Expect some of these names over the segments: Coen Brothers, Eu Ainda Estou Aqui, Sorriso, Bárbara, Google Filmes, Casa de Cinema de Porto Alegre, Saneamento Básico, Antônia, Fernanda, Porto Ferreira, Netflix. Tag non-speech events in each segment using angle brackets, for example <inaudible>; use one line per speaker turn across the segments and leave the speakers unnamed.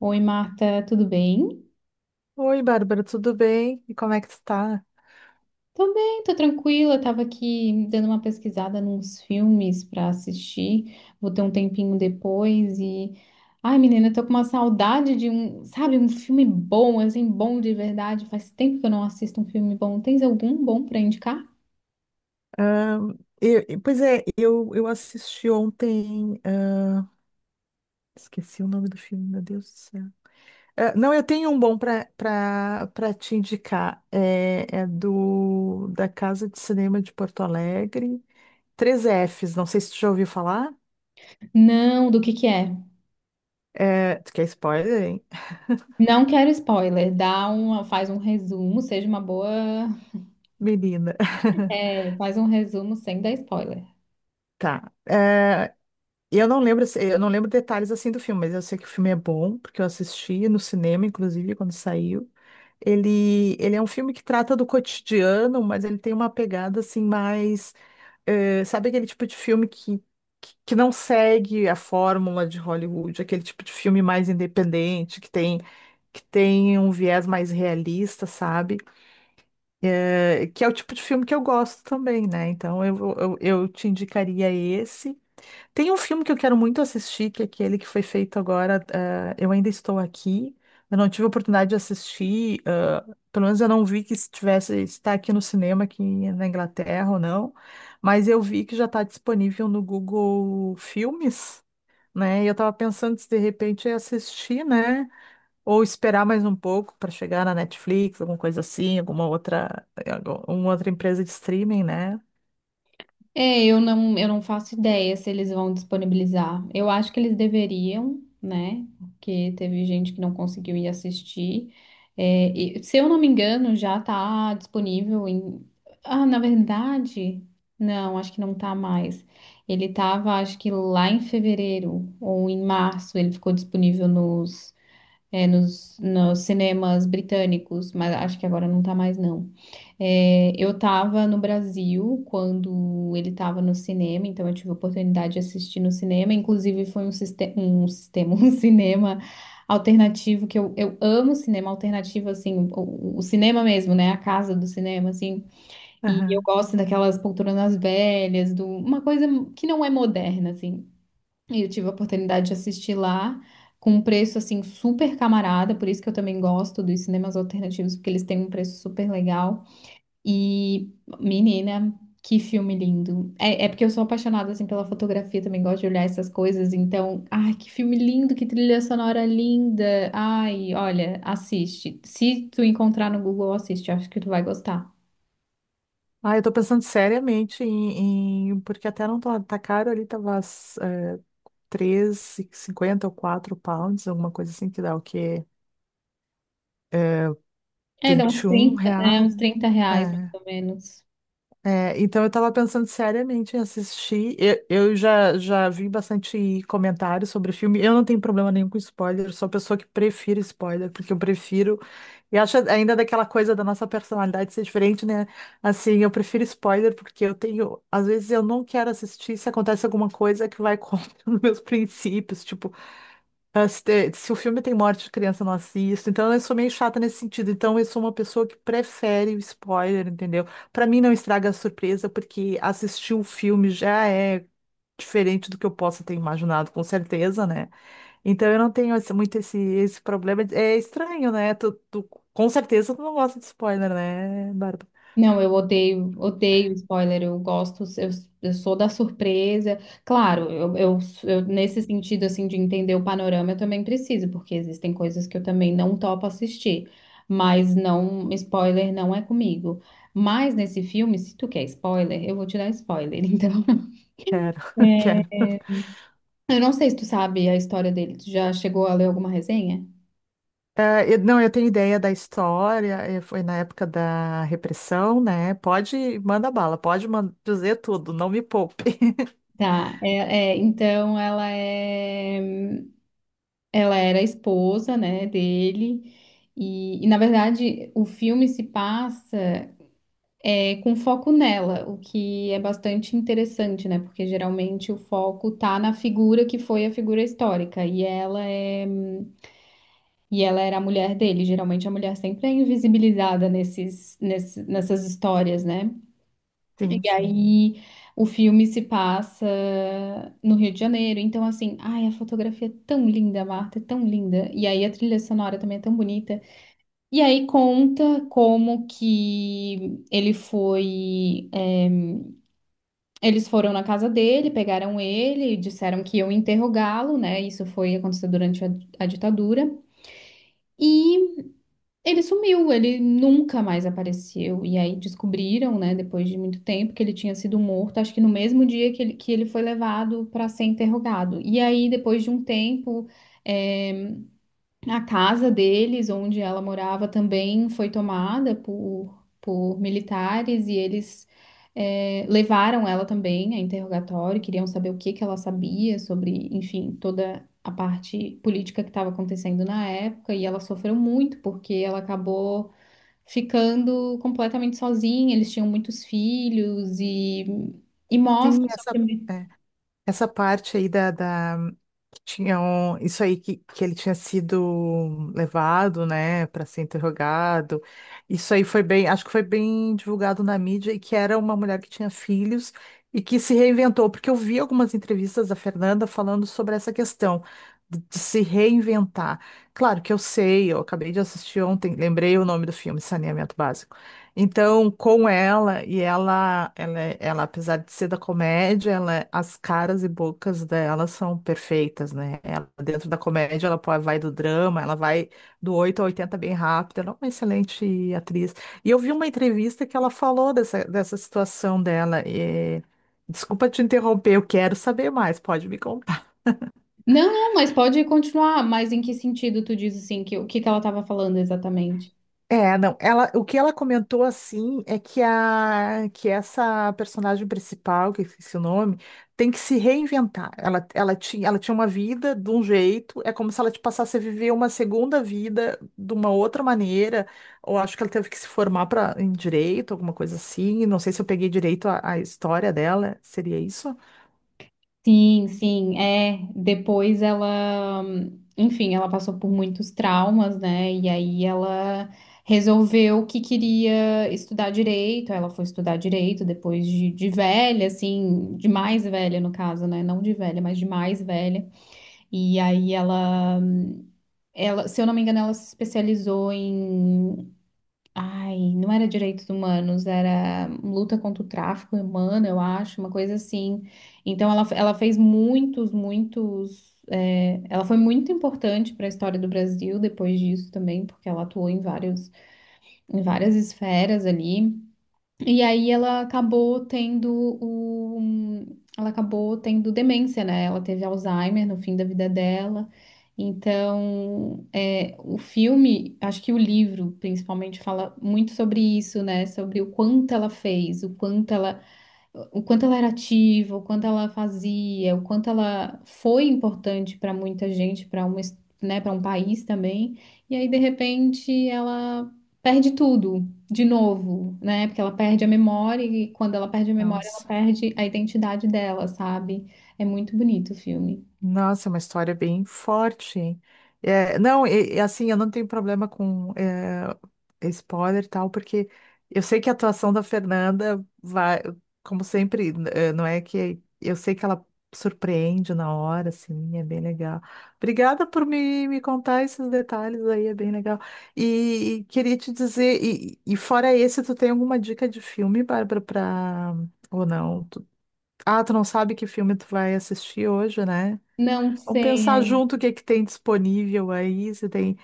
Oi, Marta, tudo bem?
Oi, Bárbara, tudo bem? E como é que tu tá?
Tô bem, tô tranquila. Tava aqui dando uma pesquisada nos filmes pra assistir. Vou ter um tempinho depois, e ai, menina, tô com uma saudade de um, sabe, um filme bom, assim, bom de verdade. Faz tempo que eu não assisto um filme bom. Tens algum bom pra indicar?
Ah, pois é, eu assisti ontem. Esqueci o nome do filme, meu Deus do céu. Ah, não, eu tenho um bom para te indicar. É, é do da Casa de Cinema de Porto Alegre. Três fs, não sei se tu já ouviu falar.
Não, do que é?
É, tu quer spoiler, hein? <laughs>
Não quero spoiler. Dá uma, faz um resumo, seja uma boa,
Menina. <laughs>
faz um resumo sem dar spoiler.
Tá. E eu não lembro, assim, eu não lembro detalhes assim do filme, mas eu sei que o filme é bom, porque eu assisti no cinema, inclusive, quando saiu. Ele é um filme que trata do cotidiano, mas ele tem uma pegada assim mais, sabe aquele tipo de filme que não segue a fórmula de Hollywood, aquele tipo de filme mais independente, que tem um viés mais realista, sabe? Que é o tipo de filme que eu gosto também, né? Então eu te indicaria esse. Tem um filme que eu quero muito assistir, que é aquele que foi feito agora, Eu Ainda Estou Aqui. Eu não tive a oportunidade de assistir, pelo menos eu não vi que está aqui no cinema, aqui na Inglaterra ou não, mas eu vi que já está disponível no Google Filmes, né? E eu estava pensando se de repente eu assistir, né? Ou esperar mais um pouco para chegar na Netflix, alguma coisa assim, alguma outra empresa de streaming, né?
É, eu não faço ideia se eles vão disponibilizar. Eu acho que eles deveriam, né? Porque teve gente que não conseguiu ir assistir. É, e, se eu não me engano, já tá disponível em. Ah, na verdade, não, acho que não tá mais. Ele tava, acho que lá em fevereiro ou em março, ele ficou disponível nos cinemas britânicos, mas acho que agora não tá mais, não. É, eu estava no Brasil quando ele estava no cinema, então eu tive a oportunidade de assistir no cinema. Inclusive, foi um sistema, <laughs> um cinema alternativo que eu amo cinema alternativo, assim, o cinema mesmo, né? A casa do cinema, assim. E eu
Aham.
gosto daquelas poltronas velhas, uma coisa que não é moderna, assim. E eu tive a oportunidade de assistir lá. Com um preço assim super camarada, por isso que eu também gosto dos cinemas alternativos, porque eles têm um preço super legal. E, menina, que filme lindo. É, é porque eu sou apaixonada, assim, pela fotografia, também gosto de olhar essas coisas. Então, ai, que filme lindo, que trilha sonora linda. Ai, olha, assiste. Se tu encontrar no Google, assiste. Acho que tu vai gostar.
Ah, eu tô pensando seriamente em, porque até não tá, tá caro ali, tava é, 3,50 ou 4 pounds, alguma coisa assim, que dá o quê?
É, dá uns
vinte e um
30
reais.
reais, mais
É.
ou menos.
É, então eu tava pensando seriamente em assistir. Já vi bastante comentários sobre o filme. Eu não tenho problema nenhum com spoiler, sou pessoa que prefiro spoiler, porque eu prefiro. E acho ainda daquela coisa da nossa personalidade ser diferente, né? Assim, eu prefiro spoiler porque eu tenho. Às vezes eu não quero assistir se acontece alguma coisa que vai contra <laughs> os meus princípios. Tipo, ah, se o filme tem morte de criança, eu não assisto. Então, eu sou meio chata nesse sentido. Então, eu sou uma pessoa que prefere o spoiler, entendeu? Pra mim, não estraga a surpresa, porque assistir o filme já é diferente do que eu possa ter imaginado, com certeza, né? Então, eu não tenho esse problema. É estranho, né? Com certeza, tu não gosta de spoiler, né, Bárbara?
Não, eu odeio, odeio spoiler, eu gosto, eu sou da surpresa. Claro, eu, nesse sentido, assim, de entender o panorama, eu também preciso, porque existem coisas que eu também não topo assistir, mas não, spoiler não é comigo. Mas nesse filme, se tu quer spoiler, eu vou te dar spoiler, <laughs> então.
Quero, <laughs> quero.
É, eu não sei se tu sabe a história dele, tu já chegou a ler alguma resenha?
É, não, eu tenho ideia da história, é, foi na época da repressão, né? Pode, manda bala, dizer tudo, não me poupe. <laughs>
Tá, é, é, então ela é. Ela era a esposa, né, dele. E, na verdade, o filme se passa com foco nela, o que é bastante interessante, né? Porque geralmente o foco tá na figura que foi a figura histórica. E ela era a mulher dele. Geralmente a mulher sempre é invisibilizada nessas histórias, né?
Sim,
E
sim.
aí o filme se passa no Rio de Janeiro. Então, assim, ai, a fotografia é tão linda, Marta, é tão linda. E aí a trilha sonora também é tão bonita. E aí conta como que ele foi. Eles foram na casa dele, pegaram ele, disseram que iam interrogá-lo, né? Isso foi aconteceu durante a ditadura. E ele sumiu, ele nunca mais apareceu. E aí descobriram, né, depois de muito tempo, que ele tinha sido morto, acho que no mesmo dia que ele foi levado para ser interrogado. E aí, depois de um tempo, eh, a casa deles, onde ela morava, também foi tomada por militares e eles levaram ela também a interrogatório, queriam saber o que que ela sabia sobre, enfim, toda a parte política que estava acontecendo na época e ela sofreu muito porque ela acabou ficando completamente sozinha, eles tinham muitos filhos e mostra
Sim,
o
essa.
sofrimento.
é, Essa parte aí que tinham isso aí que ele tinha sido levado, né, para ser interrogado. Isso aí foi bem, acho que foi bem divulgado na mídia e que era uma mulher que tinha filhos e que se reinventou, porque eu vi algumas entrevistas da Fernanda falando sobre essa questão de se reinventar. Claro que eu sei, eu acabei de assistir ontem, lembrei o nome do filme, Saneamento Básico. Então, com ela, ela, apesar de ser da comédia, ela, as caras e bocas dela são perfeitas, né? Ela, dentro da comédia, vai do drama, ela vai do 8 a 80 bem rápido, ela é uma excelente atriz. E eu vi uma entrevista que ela falou dessa situação dela. Desculpa te interromper, eu quero saber mais, pode me...
Não, não, mas pode continuar, mas em que sentido tu diz assim, que, o que que ela estava falando exatamente?
É, não, ela, o que ela comentou assim é que a que essa personagem principal, que eu esqueci o nome, tem que se reinventar. Ela tinha uma vida de um jeito, é como se ela te passasse a viver uma segunda vida de uma outra maneira, ou acho que ela teve que se formar para em direito, alguma coisa assim. Não sei se eu peguei direito a história dela, seria isso?
Sim, sim, é. Depois ela, enfim, ela passou por muitos traumas, né? E aí ela resolveu que queria estudar direito. Ela foi estudar direito depois de velha, assim, de mais velha no caso, né? Não de velha, mas de mais velha. E aí ela, se eu não me engano, ela se especializou. Ai, não era direitos humanos, era luta contra o tráfico humano, eu acho, uma coisa assim. Então ela fez muitos, muitos. Ela foi muito importante para a história do Brasil depois disso também, porque ela atuou em vários, em várias esferas ali. E aí ela acabou tendo o... Ela acabou tendo demência, né? Ela teve Alzheimer no fim da vida dela. Então, é, o filme, acho que o livro principalmente fala muito sobre isso, né? Sobre o quanto ela fez, o quanto ela era ativa, o quanto ela fazia, o quanto ela foi importante para muita gente, né, para um país também. E aí, de repente, ela perde tudo de novo, né? Porque ela perde a memória e quando ela perde a memória, ela
Nossa.
perde a identidade dela, sabe? É muito bonito o filme.
Nossa, é uma história bem forte, hein? É, não, e assim, eu não tenho problema com spoiler e tal, porque eu sei que a atuação da Fernanda vai, como sempre, não é que eu sei que ela surpreende na hora, assim, é bem legal. Obrigada por me contar esses detalhes aí, é bem legal. E queria te dizer, e fora esse, tu tem alguma dica de filme, Bárbara, pra, ou não? Ah, tu não sabe que filme tu vai assistir hoje, né?
Não
Vamos
sei,
pensar
aí.
junto o que é que tem disponível aí. Você tem.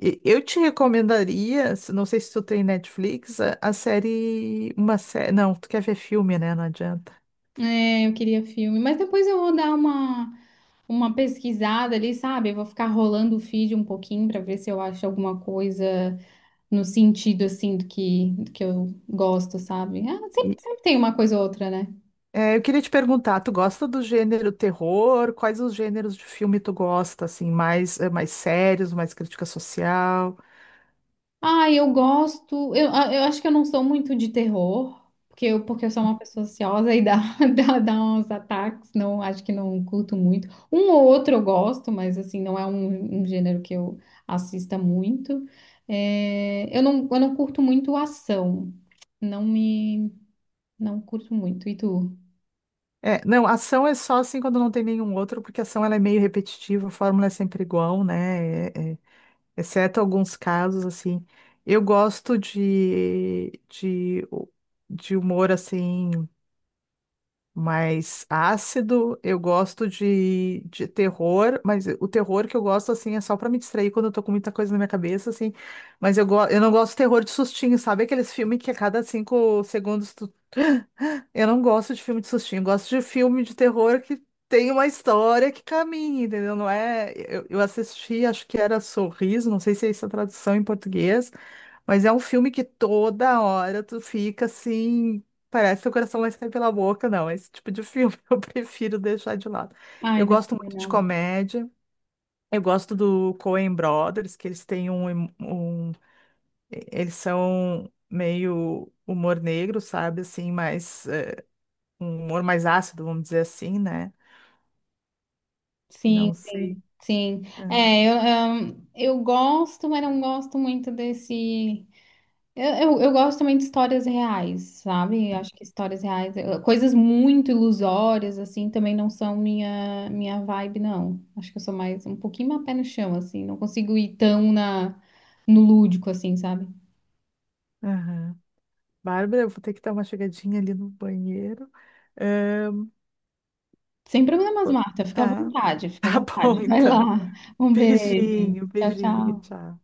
Eu te recomendaria, não sei se tu tem Netflix, a série, uma série. Não, tu quer ver filme, né? Não adianta.
É, eu queria filme, mas depois eu vou dar uma pesquisada ali, sabe? Eu vou ficar rolando o feed um pouquinho para ver se eu acho alguma coisa no sentido assim do que eu gosto, sabe? Ah, sempre,
E,
sempre tem uma coisa ou outra, né?
é, eu queria te perguntar, tu gosta do gênero terror? Quais os gêneros de filme tu gosta, assim, mais, é, mais sérios, mais crítica social?
Ah, eu gosto. Eu, ah, eu acho que eu não sou muito de terror, porque eu sou uma pessoa ansiosa e dá, <laughs> dá uns ataques, não, acho que não curto muito. Um ou outro eu gosto, mas assim, não é um gênero que eu assista muito. É, eu não curto muito ação. Não me. Não curto muito. E tu?
É, não, ação é só assim quando não tem nenhum outro, porque ação ela é meio repetitiva, a fórmula é sempre igual, né? Exceto alguns casos, assim. Eu gosto de humor, assim, mais ácido. Eu gosto de terror, mas o terror que eu gosto, assim, é só pra me distrair quando eu tô com muita coisa na minha cabeça, assim. Mas eu não gosto de terror de sustinho, sabe? Aqueles filmes que a cada 5 segundos tu... eu não gosto de filme de sustinho, eu gosto de filme de terror que tem uma história que caminha, entendeu? Não é. Eu assisti, acho que era Sorriso, não sei se é essa a tradução em português, mas é um filme que toda hora tu fica assim. Parece que o coração vai sair pela boca, não. Esse tipo de filme <laughs> eu prefiro deixar de lado.
Ai,
Eu
não,
gosto muito de
não.
comédia. Eu gosto do Coen Brothers, que eles têm eles são meio humor negro, sabe? Assim, mas um humor mais ácido, vamos dizer assim, né?
Sim,
Não sei.
sim, sim.
É,
É, eu gosto, mas não gosto muito desse. Eu, eu gosto também de histórias reais, sabe? Eu acho que histórias reais, eu- coisas muito ilusórias, assim, também não são minha vibe, não. Acho que eu sou mais um pouquinho mais pé no chão, assim, não consigo ir tão no lúdico, assim, sabe?
aham. Bárbara, eu vou ter que dar uma chegadinha ali no banheiro. Ahn,
Sem problemas,
pô,
Marta, fica à
tá,
vontade,
<laughs>
fica à
tá bom
vontade. <laughs> Vai
então.
lá. Um beijo.
Beijinho,
Tchau,
beijinho,
tchau.
tchau.